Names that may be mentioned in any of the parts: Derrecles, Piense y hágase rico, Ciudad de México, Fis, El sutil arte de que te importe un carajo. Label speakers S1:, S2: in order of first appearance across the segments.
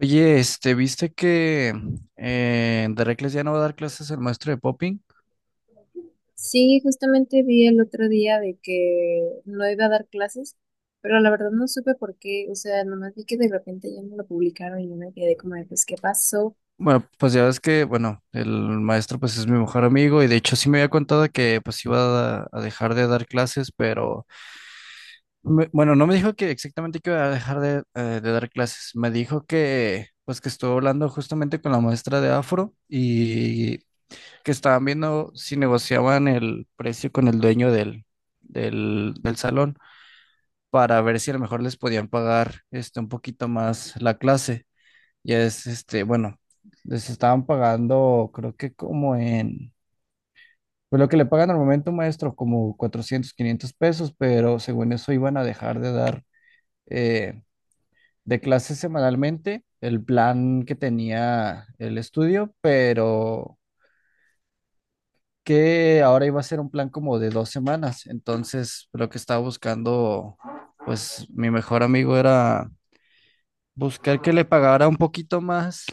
S1: Oye, ¿viste que en Derrecles ya no va a dar clases el maestro de popping?
S2: Sí, justamente vi el otro día de que no iba a dar clases, pero la verdad no supe por qué, o sea, nomás vi que de repente ya no lo publicaron y yo me quedé como de, pues, ¿qué pasó?
S1: Bueno, pues ya ves que, bueno, el maestro pues es mi mejor amigo y de hecho sí me había contado que pues iba a dejar de dar clases, pero bueno, no me dijo que exactamente que iba a dejar de dar clases, me dijo que pues que estuvo hablando justamente con la maestra de Afro y que estaban viendo si negociaban el precio con el dueño del salón. Para ver si a lo mejor les podían pagar un poquito más la clase. Bueno, les estaban pagando, creo que como en, pues lo que le pagan al momento, maestro, como 400 500 pesos, pero según eso iban a dejar de dar, eh, de clases semanalmente el plan que tenía el estudio, pero que ahora iba a ser un plan como de 2 semanas. Entonces, lo que estaba buscando, pues mi mejor amigo era buscar que le pagara un poquito más,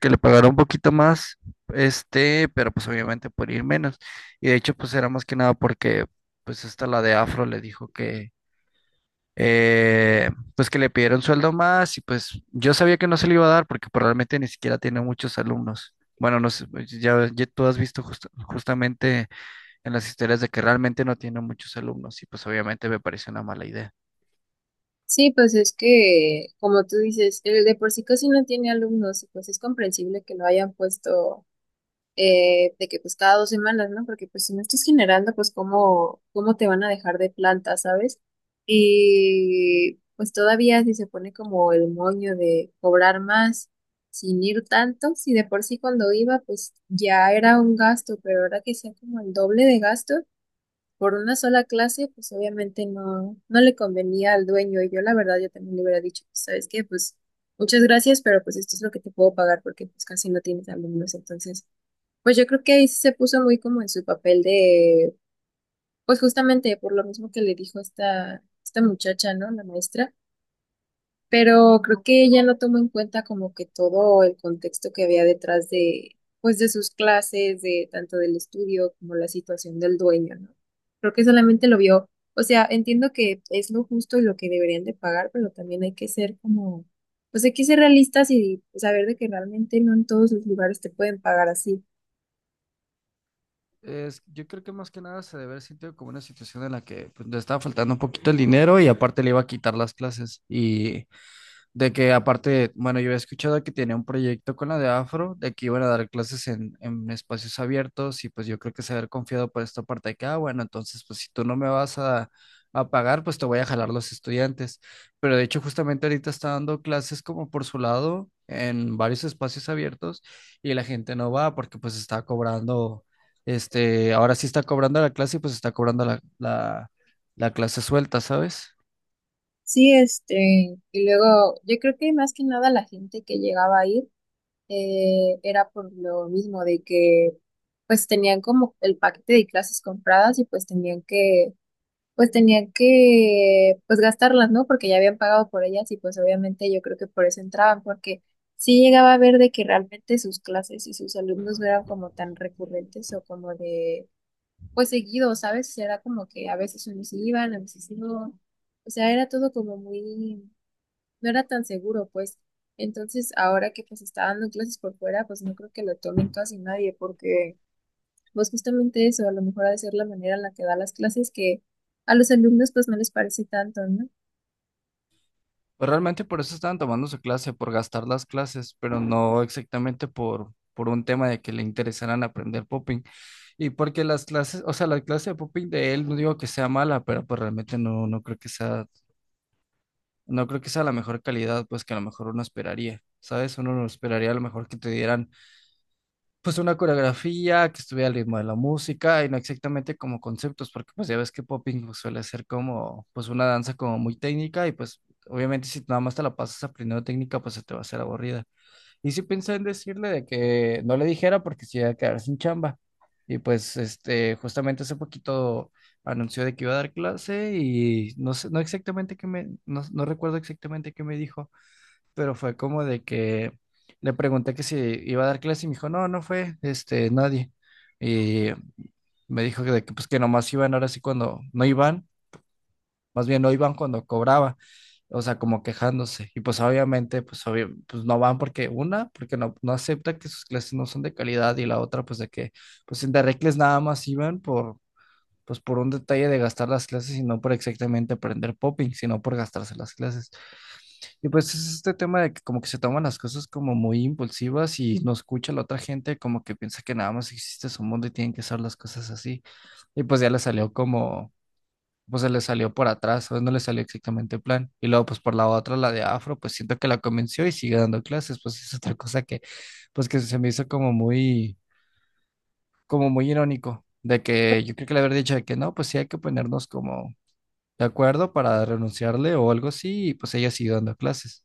S1: que le pagara un poquito más, pero pues obviamente por ir menos. Y de hecho, pues era más que nada porque, pues esta la de Afro le dijo que, eh, pues que le pidieron sueldo más y pues yo sabía que no se le iba a dar porque probablemente ni siquiera tiene muchos alumnos. Bueno, no sé, pues, ya, ya tú has visto justamente en las historias de que realmente no tiene muchos alumnos y pues obviamente me parece una mala idea.
S2: Sí, pues es que, como tú dices, el de por sí casi no tiene alumnos y pues es comprensible que lo hayan puesto, de que pues cada dos semanas, ¿no? Porque pues si no estás generando, pues cómo te van a dejar de planta, ¿sabes? Y pues todavía si se pone como el moño de cobrar más sin ir tanto, si de por sí cuando iba pues ya era un gasto, pero ahora que sea como el doble de gasto por una sola clase, pues obviamente no, no le convenía al dueño, y yo la verdad yo también le hubiera dicho, pues, ¿sabes qué? Pues muchas gracias, pero pues esto es lo que te puedo pagar porque pues casi no tienes alumnos, entonces pues yo creo que ahí sí se puso muy como en su papel de, pues justamente por lo mismo que le dijo esta muchacha, ¿no? La maestra. Pero creo que ella no tomó en cuenta como que todo el contexto que había detrás de, pues de sus clases, de tanto del estudio como la situación del dueño, ¿no? Creo que solamente lo vio, o sea, entiendo que es lo justo y lo que deberían de pagar, pero también hay que ser como, pues hay que ser realistas y saber de que realmente no en todos los lugares te pueden pagar así.
S1: Es, yo creo que más que nada se debe haber sentido como una situación en la que pues, le estaba faltando un poquito el dinero y aparte le iba a quitar las clases. Y de que aparte, bueno, yo había escuchado que tenía un proyecto con la de Afro, de que iban a dar clases en espacios abiertos y pues yo creo que se haber confiado por esta parte de que, ah, bueno, entonces pues si tú no me vas a pagar, pues te voy a jalar los estudiantes. Pero de hecho justamente ahorita está dando clases como por su lado en varios espacios abiertos y la gente no va porque pues está cobrando, ahora sí está cobrando la clase y pues está cobrando la clase suelta, ¿sabes?
S2: Sí, y luego yo creo que más que nada la gente que llegaba a ir, era por lo mismo de que pues tenían como el paquete de clases compradas y pues tenían que pues gastarlas, ¿no? Porque ya habían pagado por ellas, y pues obviamente yo creo que por eso entraban, porque sí llegaba a ver de que realmente sus clases y sus alumnos no eran como tan recurrentes o como de, pues seguido, ¿sabes? Era como que a veces unos iban, a veces no. O sea, era todo como muy, no era tan seguro, pues. Entonces, ahora que pues está dando clases por fuera, pues no creo que lo tomen casi nadie, porque pues justamente eso, a lo mejor ha de ser la manera en la que da las clases, que a los alumnos pues no les parece tanto, ¿no?
S1: Pues realmente por eso estaban tomando su clase, por gastar las clases, pero no exactamente por un tema de que le interesaran aprender popping. Y porque las clases, o sea, la clase de popping de él, no digo que sea mala, pero pues realmente no creo que sea, la mejor calidad, pues que a lo mejor uno esperaría, ¿sabes? Uno no esperaría a lo mejor que te dieran pues una coreografía que estuviera al ritmo de la música y no exactamente como conceptos, porque pues ya ves que popping pues, suele ser como pues una danza como muy técnica y pues obviamente si nada más te la pasas aprendiendo técnica pues se te va a hacer aburrida. Y sí pensé en decirle de que no le dijera porque se iba a quedar sin chamba. Y pues justamente hace poquito anunció de que iba a dar clase y no sé, no exactamente qué me, no, no recuerdo exactamente qué me dijo pero fue como de que le pregunté que si iba a dar clase y me dijo, no, no fue, nadie. Y me dijo que, de que, pues que nomás iban ahora sí cuando no iban, más bien no iban cuando cobraba, o sea, como quejándose. Y pues obviamente, pues, obvio- pues no van porque una, porque no acepta que sus clases no son de calidad y la otra, pues de que, pues en Derrecles nada más iban por, pues por un detalle de gastar las clases y no por exactamente aprender popping, sino por gastarse las clases. Y pues es este tema de que como que se toman las cosas como muy impulsivas y no escucha la otra gente, como que piensa que nada más existe su mundo y tienen que ser las cosas así. Y pues ya le salió como, pues se le salió por atrás, o no le salió exactamente el plan. Y luego pues por la otra, la de Afro, pues siento que la convenció y sigue dando clases, pues es otra cosa que, pues que se me hizo como muy irónico, de que yo creo que le haber dicho de que no, pues sí hay que ponernos como de acuerdo para renunciarle o algo así, y pues ella siguió dando clases.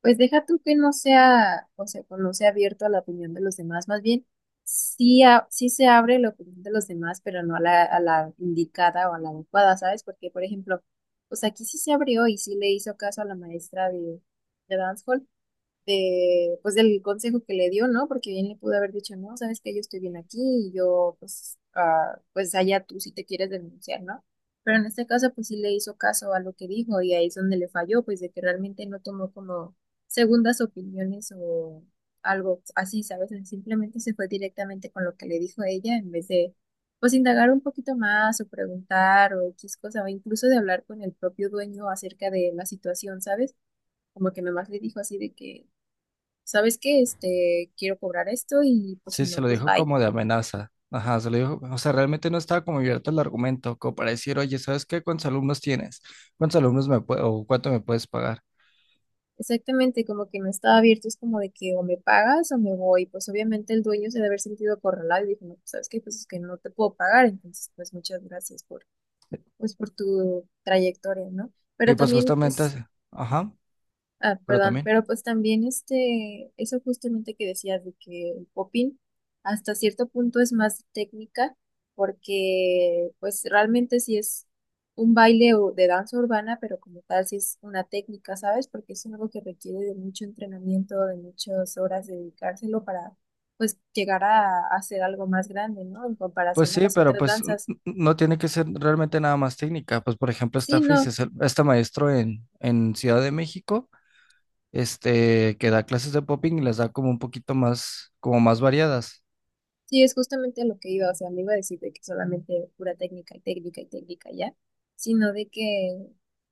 S2: Pues deja tú que no sea, o sea, pues, no sea abierto a la opinión de los demás, más bien sí, sí se abre la opinión de los demás, pero no a la indicada o a la adecuada, ¿sabes? Porque, por ejemplo, pues aquí sí se abrió y sí le hizo caso a la maestra de Dance hall, de, pues del consejo que le dio, ¿no? Porque bien le pudo haber dicho, no, sabes que yo estoy bien aquí y yo, pues, ah, pues allá tú si te quieres denunciar, ¿no? Pero en este caso, pues sí le hizo caso a lo que dijo, y ahí es donde le falló, pues de que realmente no tomó como segundas opiniones o algo así, ¿sabes? Simplemente se fue directamente con lo que le dijo ella, en vez de, pues, indagar un poquito más o preguntar o X cosa, o incluso de hablar con el propio dueño acerca de la situación, ¿sabes? Como que nomás le dijo así de que ¿sabes qué? Quiero cobrar esto, y pues si
S1: Sí,
S2: no,
S1: se lo
S2: pues
S1: dijo
S2: bye.
S1: como de amenaza. Ajá, se lo dijo, o sea, realmente no estaba como abierto el argumento, como para decir, oye, ¿sabes qué? ¿Cuántos alumnos tienes? ¿Cuántos alumnos me puedo, o cuánto me puedes pagar?
S2: Exactamente, como que no estaba abierto, es como de que o me pagas o me voy. Pues obviamente el dueño se debe haber sentido acorralado y dijo, no, pues ¿sabes qué? Pues es que no te puedo pagar, entonces pues muchas gracias por, pues por tu trayectoria, ¿no?
S1: Y
S2: Pero
S1: pues
S2: también
S1: justamente,
S2: es
S1: ajá,
S2: Ah,
S1: pero
S2: perdón,
S1: también.
S2: pero pues también eso justamente que decías de que el popping hasta cierto punto es más técnica, porque pues realmente sí es un baile o de danza urbana, pero como tal sí es una técnica, ¿sabes? Porque es algo que requiere de mucho entrenamiento, de muchas horas de dedicárselo para pues llegar a hacer algo más grande, ¿no? En
S1: Pues
S2: comparación a
S1: sí,
S2: las
S1: pero
S2: otras
S1: pues
S2: danzas.
S1: no tiene que ser realmente nada más técnica. Pues por ejemplo,
S2: Sí,
S1: está Fis,
S2: no.
S1: es este maestro en, Ciudad de México, que da clases de popping y las da como un poquito más, como más variadas.
S2: Sí, es justamente a lo que iba, o sea, no iba a decir de que solamente pura técnica y técnica y técnica ya, sino de que,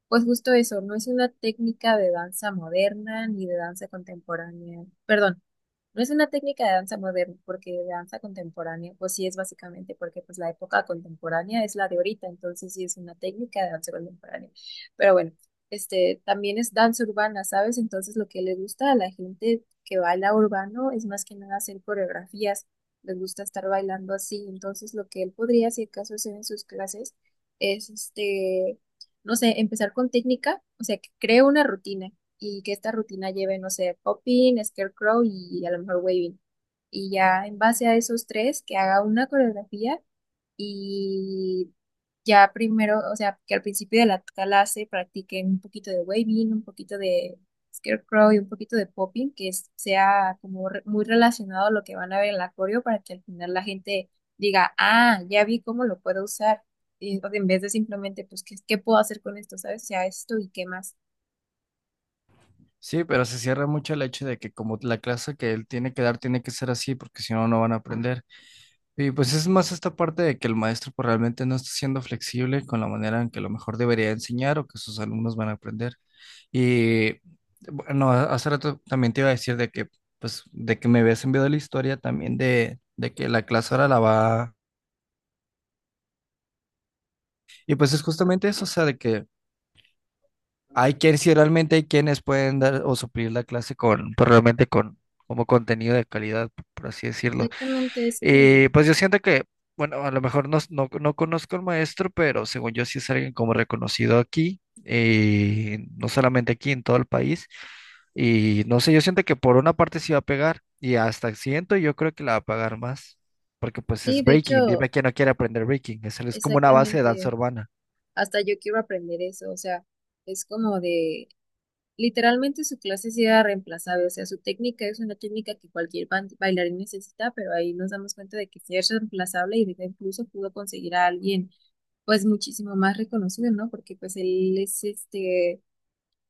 S2: pues justo eso, no es una técnica de danza moderna ni de danza contemporánea, perdón, no es una técnica de danza moderna, porque de danza contemporánea, pues sí es básicamente, porque pues la época contemporánea es la de ahorita, entonces sí es una técnica de danza contemporánea. Pero bueno, este también es danza urbana, ¿sabes? Entonces lo que le gusta a la gente que baila urbano es más que nada hacer coreografías, les gusta estar bailando así, entonces lo que él podría, si acaso, hacer en sus clases es, no sé, empezar con técnica, o sea, que cree una rutina, y que esta rutina lleve, no sé, popping, scarecrow y a lo mejor waving. Y ya en base a esos tres, que haga una coreografía, y ya primero, o sea, que al principio de la clase practiquen un poquito de waving, un poquito de scarecrow y un poquito de popping, que sea como muy relacionado a lo que van a ver en la coreo, para que al final la gente diga, ah, ya vi cómo lo puedo usar. Y, o sea, en vez de simplemente, pues, ¿qué, qué puedo hacer con esto? ¿Sabes? O sea, esto y qué más.
S1: Sí, pero se cierra mucho el hecho de que como la clase que él tiene que dar tiene que ser así, porque si no van a aprender. Y pues es más esta parte de que el maestro pues, realmente no está siendo flexible con la manera en que a lo mejor debería enseñar o que sus alumnos van a aprender. Y bueno, hace rato también te iba a decir de que, pues, de que me habías enviado la historia también de que la clase ahora la va. Y pues es justamente eso, o sea, de que hay quienes, si realmente hay quienes pueden dar o suplir la clase con, pues realmente con, como contenido de calidad, por así decirlo.
S2: Exactamente, es como,
S1: Y pues yo siento que, bueno, a lo mejor no conozco al maestro, pero según yo sí es alguien como reconocido aquí, no solamente aquí, en todo el país. Y no sé, yo siento que por una parte sí va a pegar y hasta siento yo creo que la va a pagar más, porque pues
S2: sí,
S1: es
S2: de
S1: breaking,
S2: hecho,
S1: dime quién no quiere aprender breaking, es como una base de danza
S2: exactamente,
S1: urbana.
S2: hasta yo quiero aprender eso, o sea, es como de, literalmente su clase sí era reemplazable, o sea, su técnica es una técnica que cualquier bailarín necesita, pero ahí nos damos cuenta de que sí es reemplazable y de que incluso pudo conseguir a alguien, pues, muchísimo más reconocido, ¿no? Porque, pues, él es,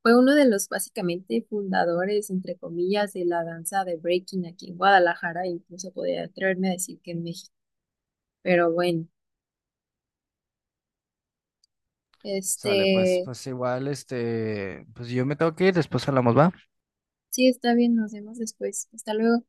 S2: fue uno de los, básicamente, fundadores, entre comillas, de la danza de breaking aquí en Guadalajara, e incluso podría atreverme a decir que en México. Pero bueno.
S1: Sale, pues,
S2: Este,
S1: pues igual, pues yo me tengo que ir, después hablamos, ¿va?
S2: sí, está bien, nos vemos después. Hasta luego.